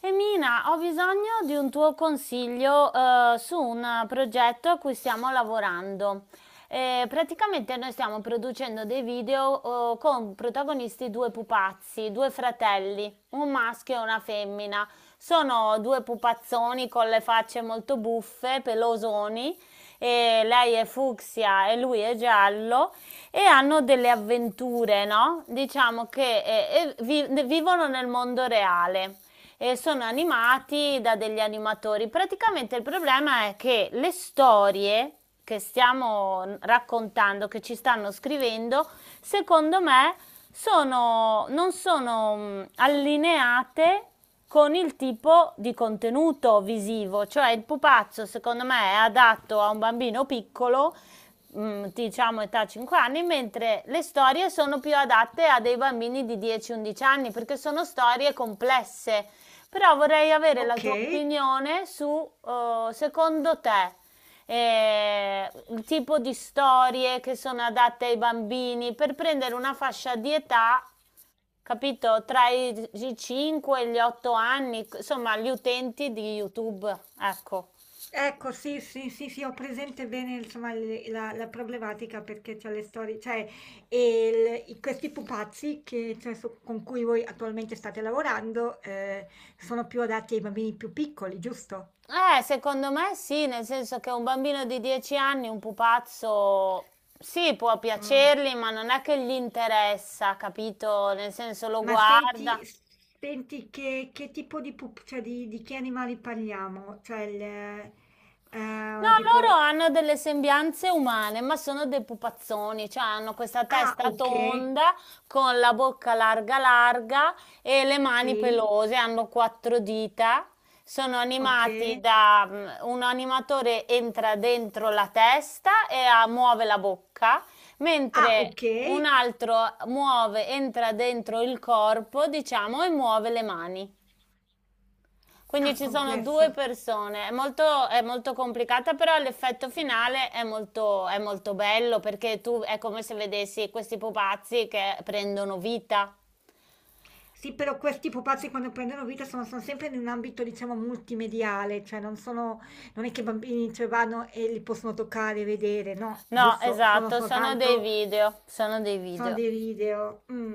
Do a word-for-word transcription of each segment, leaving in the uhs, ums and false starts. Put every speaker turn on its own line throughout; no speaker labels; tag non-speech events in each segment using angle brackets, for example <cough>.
Emina, ho bisogno di un tuo consiglio, eh, su un progetto a cui stiamo lavorando. Eh, praticamente noi stiamo producendo dei video, eh, con protagonisti due pupazzi, due fratelli, un maschio e una femmina. Sono due pupazzoni con le facce molto buffe, pelosoni, e lei è fucsia e lui è giallo e hanno delle avventure, no? Diciamo che eh, eh, vi- vivono nel mondo reale e sono animati da degli animatori. Praticamente il problema è che le storie che stiamo raccontando, che ci stanno scrivendo, secondo me sono, non sono mh, allineate con il tipo di contenuto visivo, cioè il pupazzo secondo me è adatto a un bambino piccolo, mh, diciamo età cinque anni, mentre le storie sono più adatte a dei bambini di dieci undici anni perché sono storie complesse, però vorrei avere la
Ok,
tua opinione su, eh, secondo te, eh, il tipo di storie che sono adatte ai bambini per prendere una fascia di età, capito, tra i, i cinque e gli otto anni, insomma, gli utenti di YouTube, ecco.
ecco, sì, sì, sì, sì, ho presente bene, insomma, le- la, la problematica perché c'è le storie, cioè, e il- i- questi pupazzi che, cioè, su- con cui voi attualmente state lavorando, eh, sono più adatti ai bambini più piccoli, giusto?
Eh, secondo me sì, nel senso che un bambino di dieci anni, un pupazzo, sì, può
Mm.
piacergli, ma non è che gli interessa, capito? Nel senso lo
Ma
guarda.
senti, senti che, che tipo di pup, cioè di, di che animali parliamo? Cioè, il, eh,
No,
eh, tipo...
loro hanno delle sembianze umane, ma sono dei pupazzoni, cioè hanno questa
Ah,
testa
ok,
tonda con la bocca larga larga e le mani
sì,
pelose, hanno quattro dita, sono
ok.
animati da mm, un animatore entra dentro la testa e ah, muove la bocca,
Ah,
mentre
ok.
un altro muove, entra dentro il corpo, diciamo, e muove le mani. Quindi
Ah,
ci sono due
complesso.
persone, è molto, è molto complicata, però l'effetto finale è molto, è molto bello perché tu è come se vedessi questi pupazzi che prendono vita.
Sì, però questi pupazzi quando prendono vita sono, sono sempre in un ambito, diciamo, multimediale, cioè non sono, non è che i bambini ci vanno e li possono toccare e vedere, no,
No,
giusto, sono
esatto, sono dei
soltanto,
video, sono dei
sono
video.
dei video. Mm.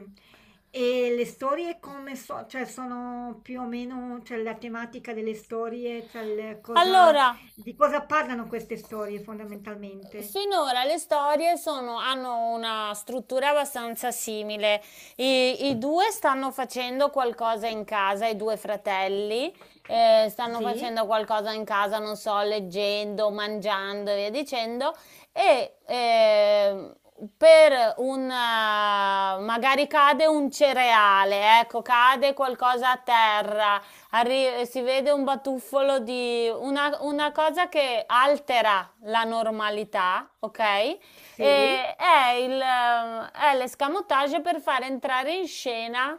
E le storie come so, cioè sono più o meno, cioè la tematica delle storie, cioè il cosa,
Allora,
di cosa parlano queste storie fondamentalmente?
finora le storie sono- hanno una struttura abbastanza simile. I, i due stanno facendo qualcosa in casa, i due fratelli, eh, stanno
Sì,
facendo qualcosa in casa, non so, leggendo, mangiando e via dicendo. E ehm, per un, eh, magari cade un cereale, ecco, cade qualcosa a terra arri- si vede un batuffolo di una, una cosa che altera la normalità, ok?
sì,
E è, il, ehm, è l'escamotage per far entrare in scena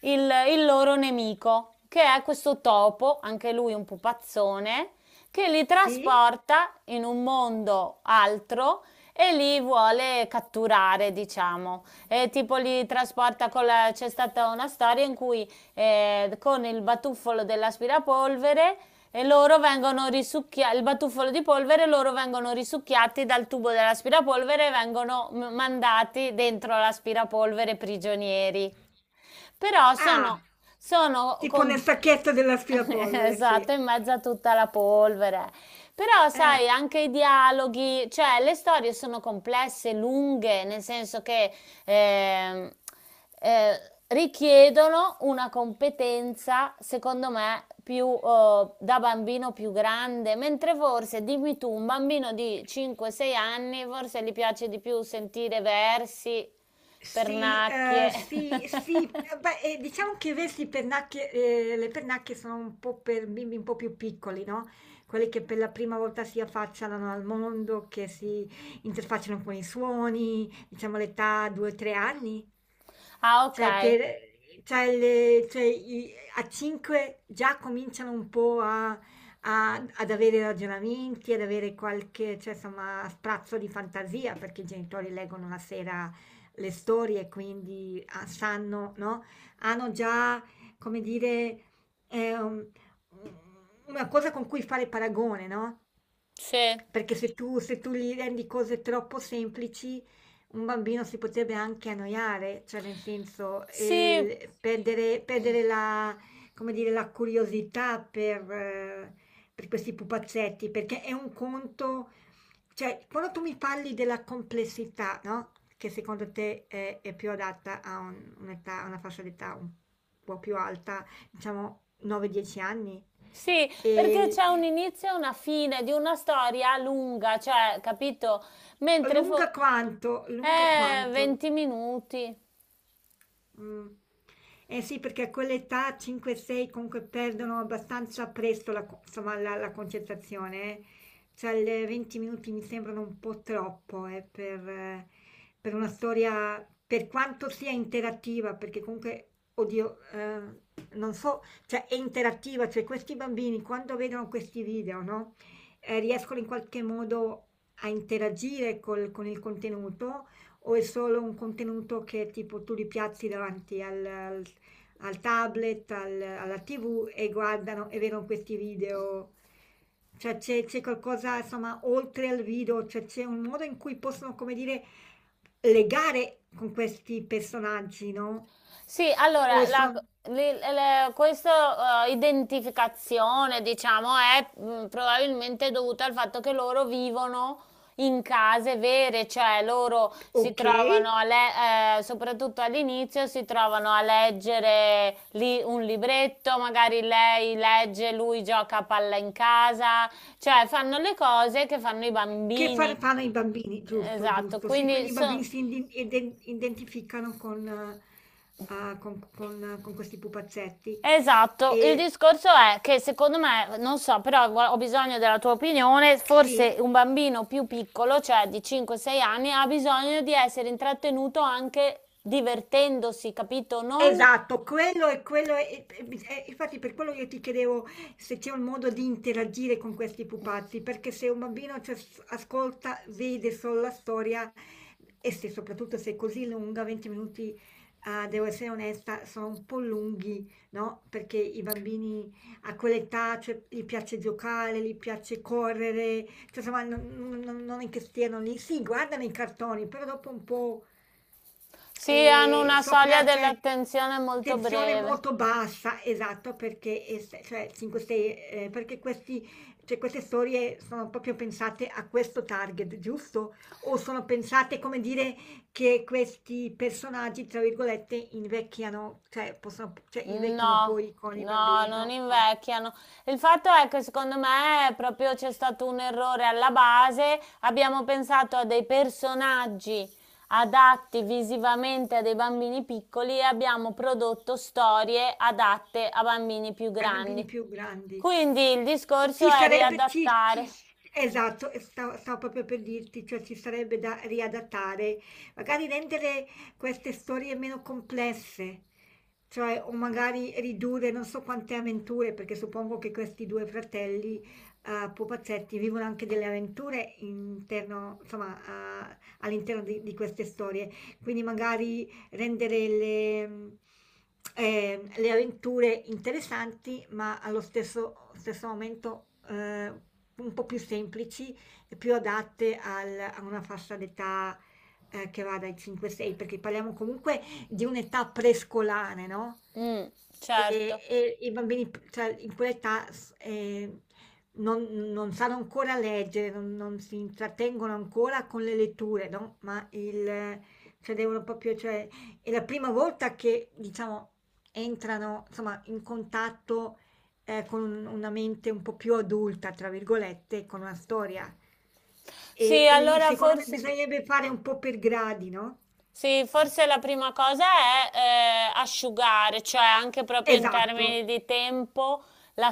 il, il loro nemico, che è questo topo, anche lui un pupazzone, che li
sì.
trasporta in un mondo altro e li vuole catturare, diciamo. E tipo li trasporta con la... C'è stata una storia in cui eh, con il batuffolo dell'aspirapolvere e loro vengono risucchiati, il batuffolo di polvere, loro vengono risucchiati dal tubo dell'aspirapolvere e vengono m- mandati dentro l'aspirapolvere prigionieri. Però
Ah,
sono, sono
tipo nel
com-
sacchetto
<laughs>
dell'aspirapolvere, sì.
Esatto, in mezzo a tutta la polvere. Però,
Eh.
sai, anche i dialoghi, cioè le storie sono complesse, lunghe, nel senso che ehm, eh, richiedono una competenza, secondo me, più eh, da bambino più grande, mentre forse, dimmi tu, un bambino di cinque sei anni, forse gli piace di più sentire versi,
Sì, ehm,
pernacchie. <laughs>
sì, sì, ehm, beh, ehm, diciamo che vessi pernacchie, ehm, le pernacchie sono un po' per bimbi un po' più piccoli, no, quelli che per la prima volta si affacciano al mondo, che si interfacciano con i suoni, diciamo l'età due, tre anni.
Ah, ok.
Cioè per cioè le cioè i a cinque già cominciano un po' a a ad avere ragionamenti, ad avere qualche, cioè insomma, sprazzo di fantasia, perché i genitori leggono la sera le storie, quindi ah, sanno, no? Hanno già, come dire, ehm, una cosa con cui fare paragone, no?
Sì.
Perché se tu, se tu gli rendi cose troppo semplici, un bambino si potrebbe anche annoiare, cioè nel senso, e
Sì,
il- perdere, perdere la, come dire, la curiosità per, eh, per questi pupazzetti, perché è un conto, cioè, quando tu mi parli della complessità, no? Che secondo te è, è più adatta a un- un'età, a una fascia d'età un po' più alta, diciamo nove dieci anni,
sì, perché
e
c'è un inizio e una fine di una storia lunga, cioè, capito? Mentre fo-
lunga quanto, lunga
eh,
quanto?
venti minuti.
Mm. Eh sì, perché a quell'età cinque sei comunque perdono abbastanza presto la, co- insomma, la, la concentrazione. Eh. Cioè, le venti minuti mi sembrano un po' troppo eh, per, eh, per una storia, per quanto sia interattiva, perché comunque, oddio, eh, non so, cioè è interattiva, cioè questi bambini quando vedono questi video, no? Eh, riescono in qualche modo a interagire col- con il contenuto o è solo un contenuto che tipo tu li piazzi davanti al, al- al tablet, al- alla T V e guardano e vedono questi video? Cioè c'è c'è qualcosa, insomma, oltre al video, cioè c'è un modo in cui possono, come dire, legare con questi personaggi, no?
Sì,
O
allora, la-
sono
le- le- questa eh, identificazione, diciamo, è mh, probabilmente dovuta al fatto che loro vivono in case vere, cioè loro si
ok,
trovano, a le- eh, soprattutto all'inizio, si trovano a leggere lì un libretto, magari lei legge, lui gioca a palla in casa, cioè fanno le cose che fanno i
che fa-
bambini.
fanno i bambini, giusto,
Esatto,
giusto. Sì,
quindi
quindi i
sono...
bambini si indi- iden- identificano con, eh, ah, con, con- con questi pupazzetti.
Esatto, il
Ehm,
discorso è che secondo me, non so, però gua- ho bisogno della tua opinione, forse
sì,
un bambino più piccolo, cioè di cinque sei anni, ha bisogno di essere intrattenuto anche divertendosi, capito? Non
esatto, quello è quello è e bis e infatti per quello io ti chiedevo se c'è un modo di interagire con questi pupazzi, perché se un bambino ci as ascolta, vede solo la storia e se soprattutto se è così lunga, venti minuti, uhm, devo essere onesta, sono un po' lunghi, no, perché i bambini a quell'età, cioè, gli piace giocare, gli piace correre, cioè, insomma non non non non è che stiano lì sì, guardano i cartoni, però dopo un po'
si hanno
e
una soglia
sopra c'è
dell'attenzione molto
tensione
breve.
molto bassa, esatto, perché, es- cioè, cinque sei, eh, perché questi, cioè, queste storie sono proprio pensate a questo target, giusto? O sono pensate, come dire, che questi personaggi, tra virgolette, invecchiano, cioè, possono, cioè, invecchino
No,
poi con i
no,
bambini?
non
No, no,
invecchiano. Il fatto è che secondo me proprio c'è stato un errore alla base. Abbiamo pensato a dei personaggi adatti visivamente a dei bambini piccoli e abbiamo prodotto storie adatte a bambini più
ai bambini
grandi.
più grandi.
Quindi il
E
discorso
ci
è
sarebbe, ci- ci-
riadattare.
esatto, e stavo, stavo proprio per dirti, cioè ci sarebbe da riadattare, magari rendere queste storie meno complesse, cioè o magari ridurre non so quante avventure, perché suppongo che questi due fratelli eh, pupazzetti vivono anche delle avventure interno, insomma, a- all'interno di, di queste storie, quindi magari rendere le, mh, eh, le avventure interessanti, ma allo stesso, stesso momento eh, un po' più semplici e più adatte al- a una fascia d'età eh, che va dai cinque sei, perché parliamo comunque di un'età prescolare, no?
Mm,
E,
certo.
e i bambini, cioè, in quell'età s- eh, non, non sanno ancora leggere, non, non si intrattengono ancora con le letture, no? Ma il, cioè, devono proprio, cioè, è la prima volta che, diciamo, entrano, insomma, in contatto, ehm, con un una mente un po' più "adulta", tra virgolette, con una storia. E
Sì,
e lì
allora
secondo me
forse.
bisognerebbe fare un po' per gradi, no.
Sì, forse la prima cosa è eh, asciugare, cioè anche proprio in
Esatto,
termini di tempo, la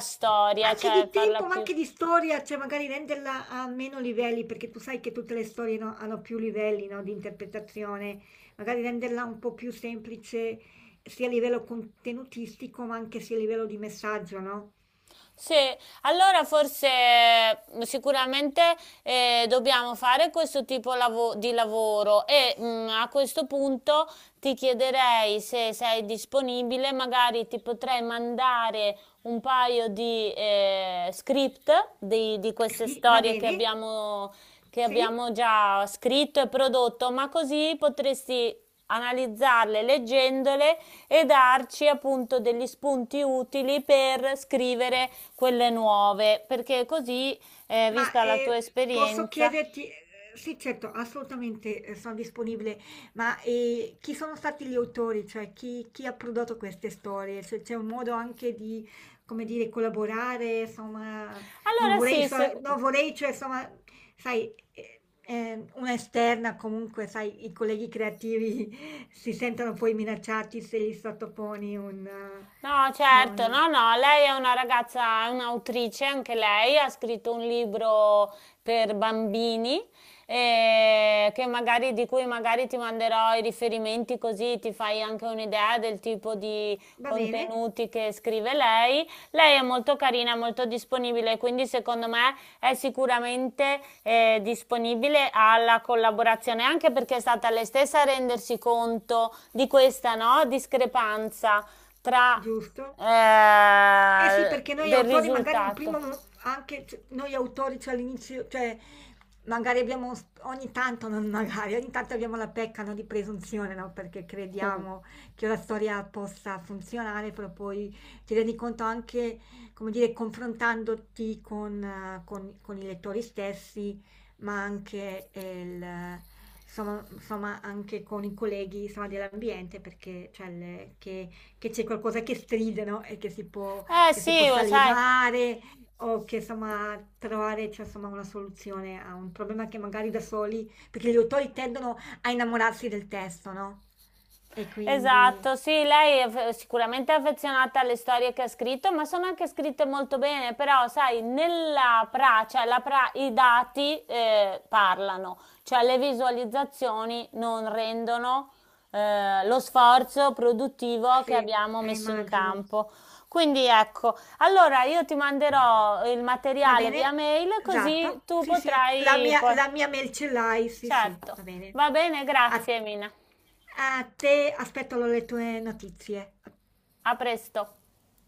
ma
storia,
anche
cioè
di
farla
tempo, ma
più
anche di storia, cioè magari renderla a meno livelli, perché tu sai che tutte le storie, no, hanno più livelli, no, di interpretazione. Magari renderla un po' più semplice, sia a livello contenutistico, ma anche sia a livello di messaggio, no?
sì, allora forse eh, sicuramente eh, dobbiamo fare questo tipo lavo- di lavoro e mm, a questo punto ti chiederei se sei disponibile, magari ti potrei mandare un paio di eh, script di, di queste
Sì, va
storie che
bene?
abbiamo, che
Sì?
abbiamo già scritto e prodotto, ma così potresti analizzarle leggendole e darci appunto degli spunti utili per scrivere quelle nuove, perché così, eh,
Ma
vista la tua
eh, posso
esperienza.
chiederti, eh, sì, certo, assolutamente eh, sono disponibile, ma eh, chi sono stati gli autori, cioè chi, chi ha prodotto queste storie? Se c'è un modo anche di, come dire, collaborare, insomma, non
Allora
vorrei,
sì,
so-
se-
non vorrei, cioè, insomma, sai, eh, eh, una esterna comunque, sai, i colleghi creativi <laughs> si sentono poi minacciati se gli sottoponi un... eh,
no,
insomma,
certo,
un-
no, no, lei è una ragazza, è un'autrice, anche lei ha scritto un libro per bambini, eh, che magari, di cui magari ti manderò i riferimenti così ti fai anche un'idea del tipo di
Va bene,
contenuti che scrive lei. Lei è molto carina, molto disponibile, quindi secondo me è sicuramente eh, disponibile alla collaborazione, anche perché è stata lei stessa a rendersi conto di questa, no, discrepanza tra
giusto. Eh sì,
eh,
perché noi
del
autori magari un
risultato.
primo, mo- anche c- noi autori, cioè all'inizio, cioè magari abbiamo, s- ogni tanto, non magari, ogni tanto abbiamo la pecca, no, di presunzione, no? Perché crediamo
<laughs>
che la storia possa funzionare, però poi ti rendi conto anche, come dire, confrontandoti con, eh, con- con i lettori stessi, ma anche, eh, il, insomma, insomma, anche con i colleghi, insomma, dell'ambiente, perché cioè, le- che che c'è qualcosa che stride, no? E che si può
Eh
che si
sì, lo
possa
sai,
levare o che insomma trovare cioè, insomma, una soluzione a un problema che magari da soli, perché gli autori tendono a innamorarsi del testo, no? E quindi
esatto, sì, lei è f- sicuramente affezionata alle storie che ha scritto, ma sono anche scritte molto bene, però sai, nella pra, cioè la pra- i dati eh, parlano, cioè le visualizzazioni non rendono eh, lo sforzo produttivo che
sì,
abbiamo
eh,
messo in
immagino.
campo. Quindi ecco, allora io ti manderò il
Va
materiale via
bene,
mail così
esatto.
tu
Sì, sì, la
potrai
mia,
poi...
la mia mail ce l'hai, sì, sì,
Certo,
va bene.
va bene,
A,
grazie Mina.
a te aspetto le tue notizie.
A presto.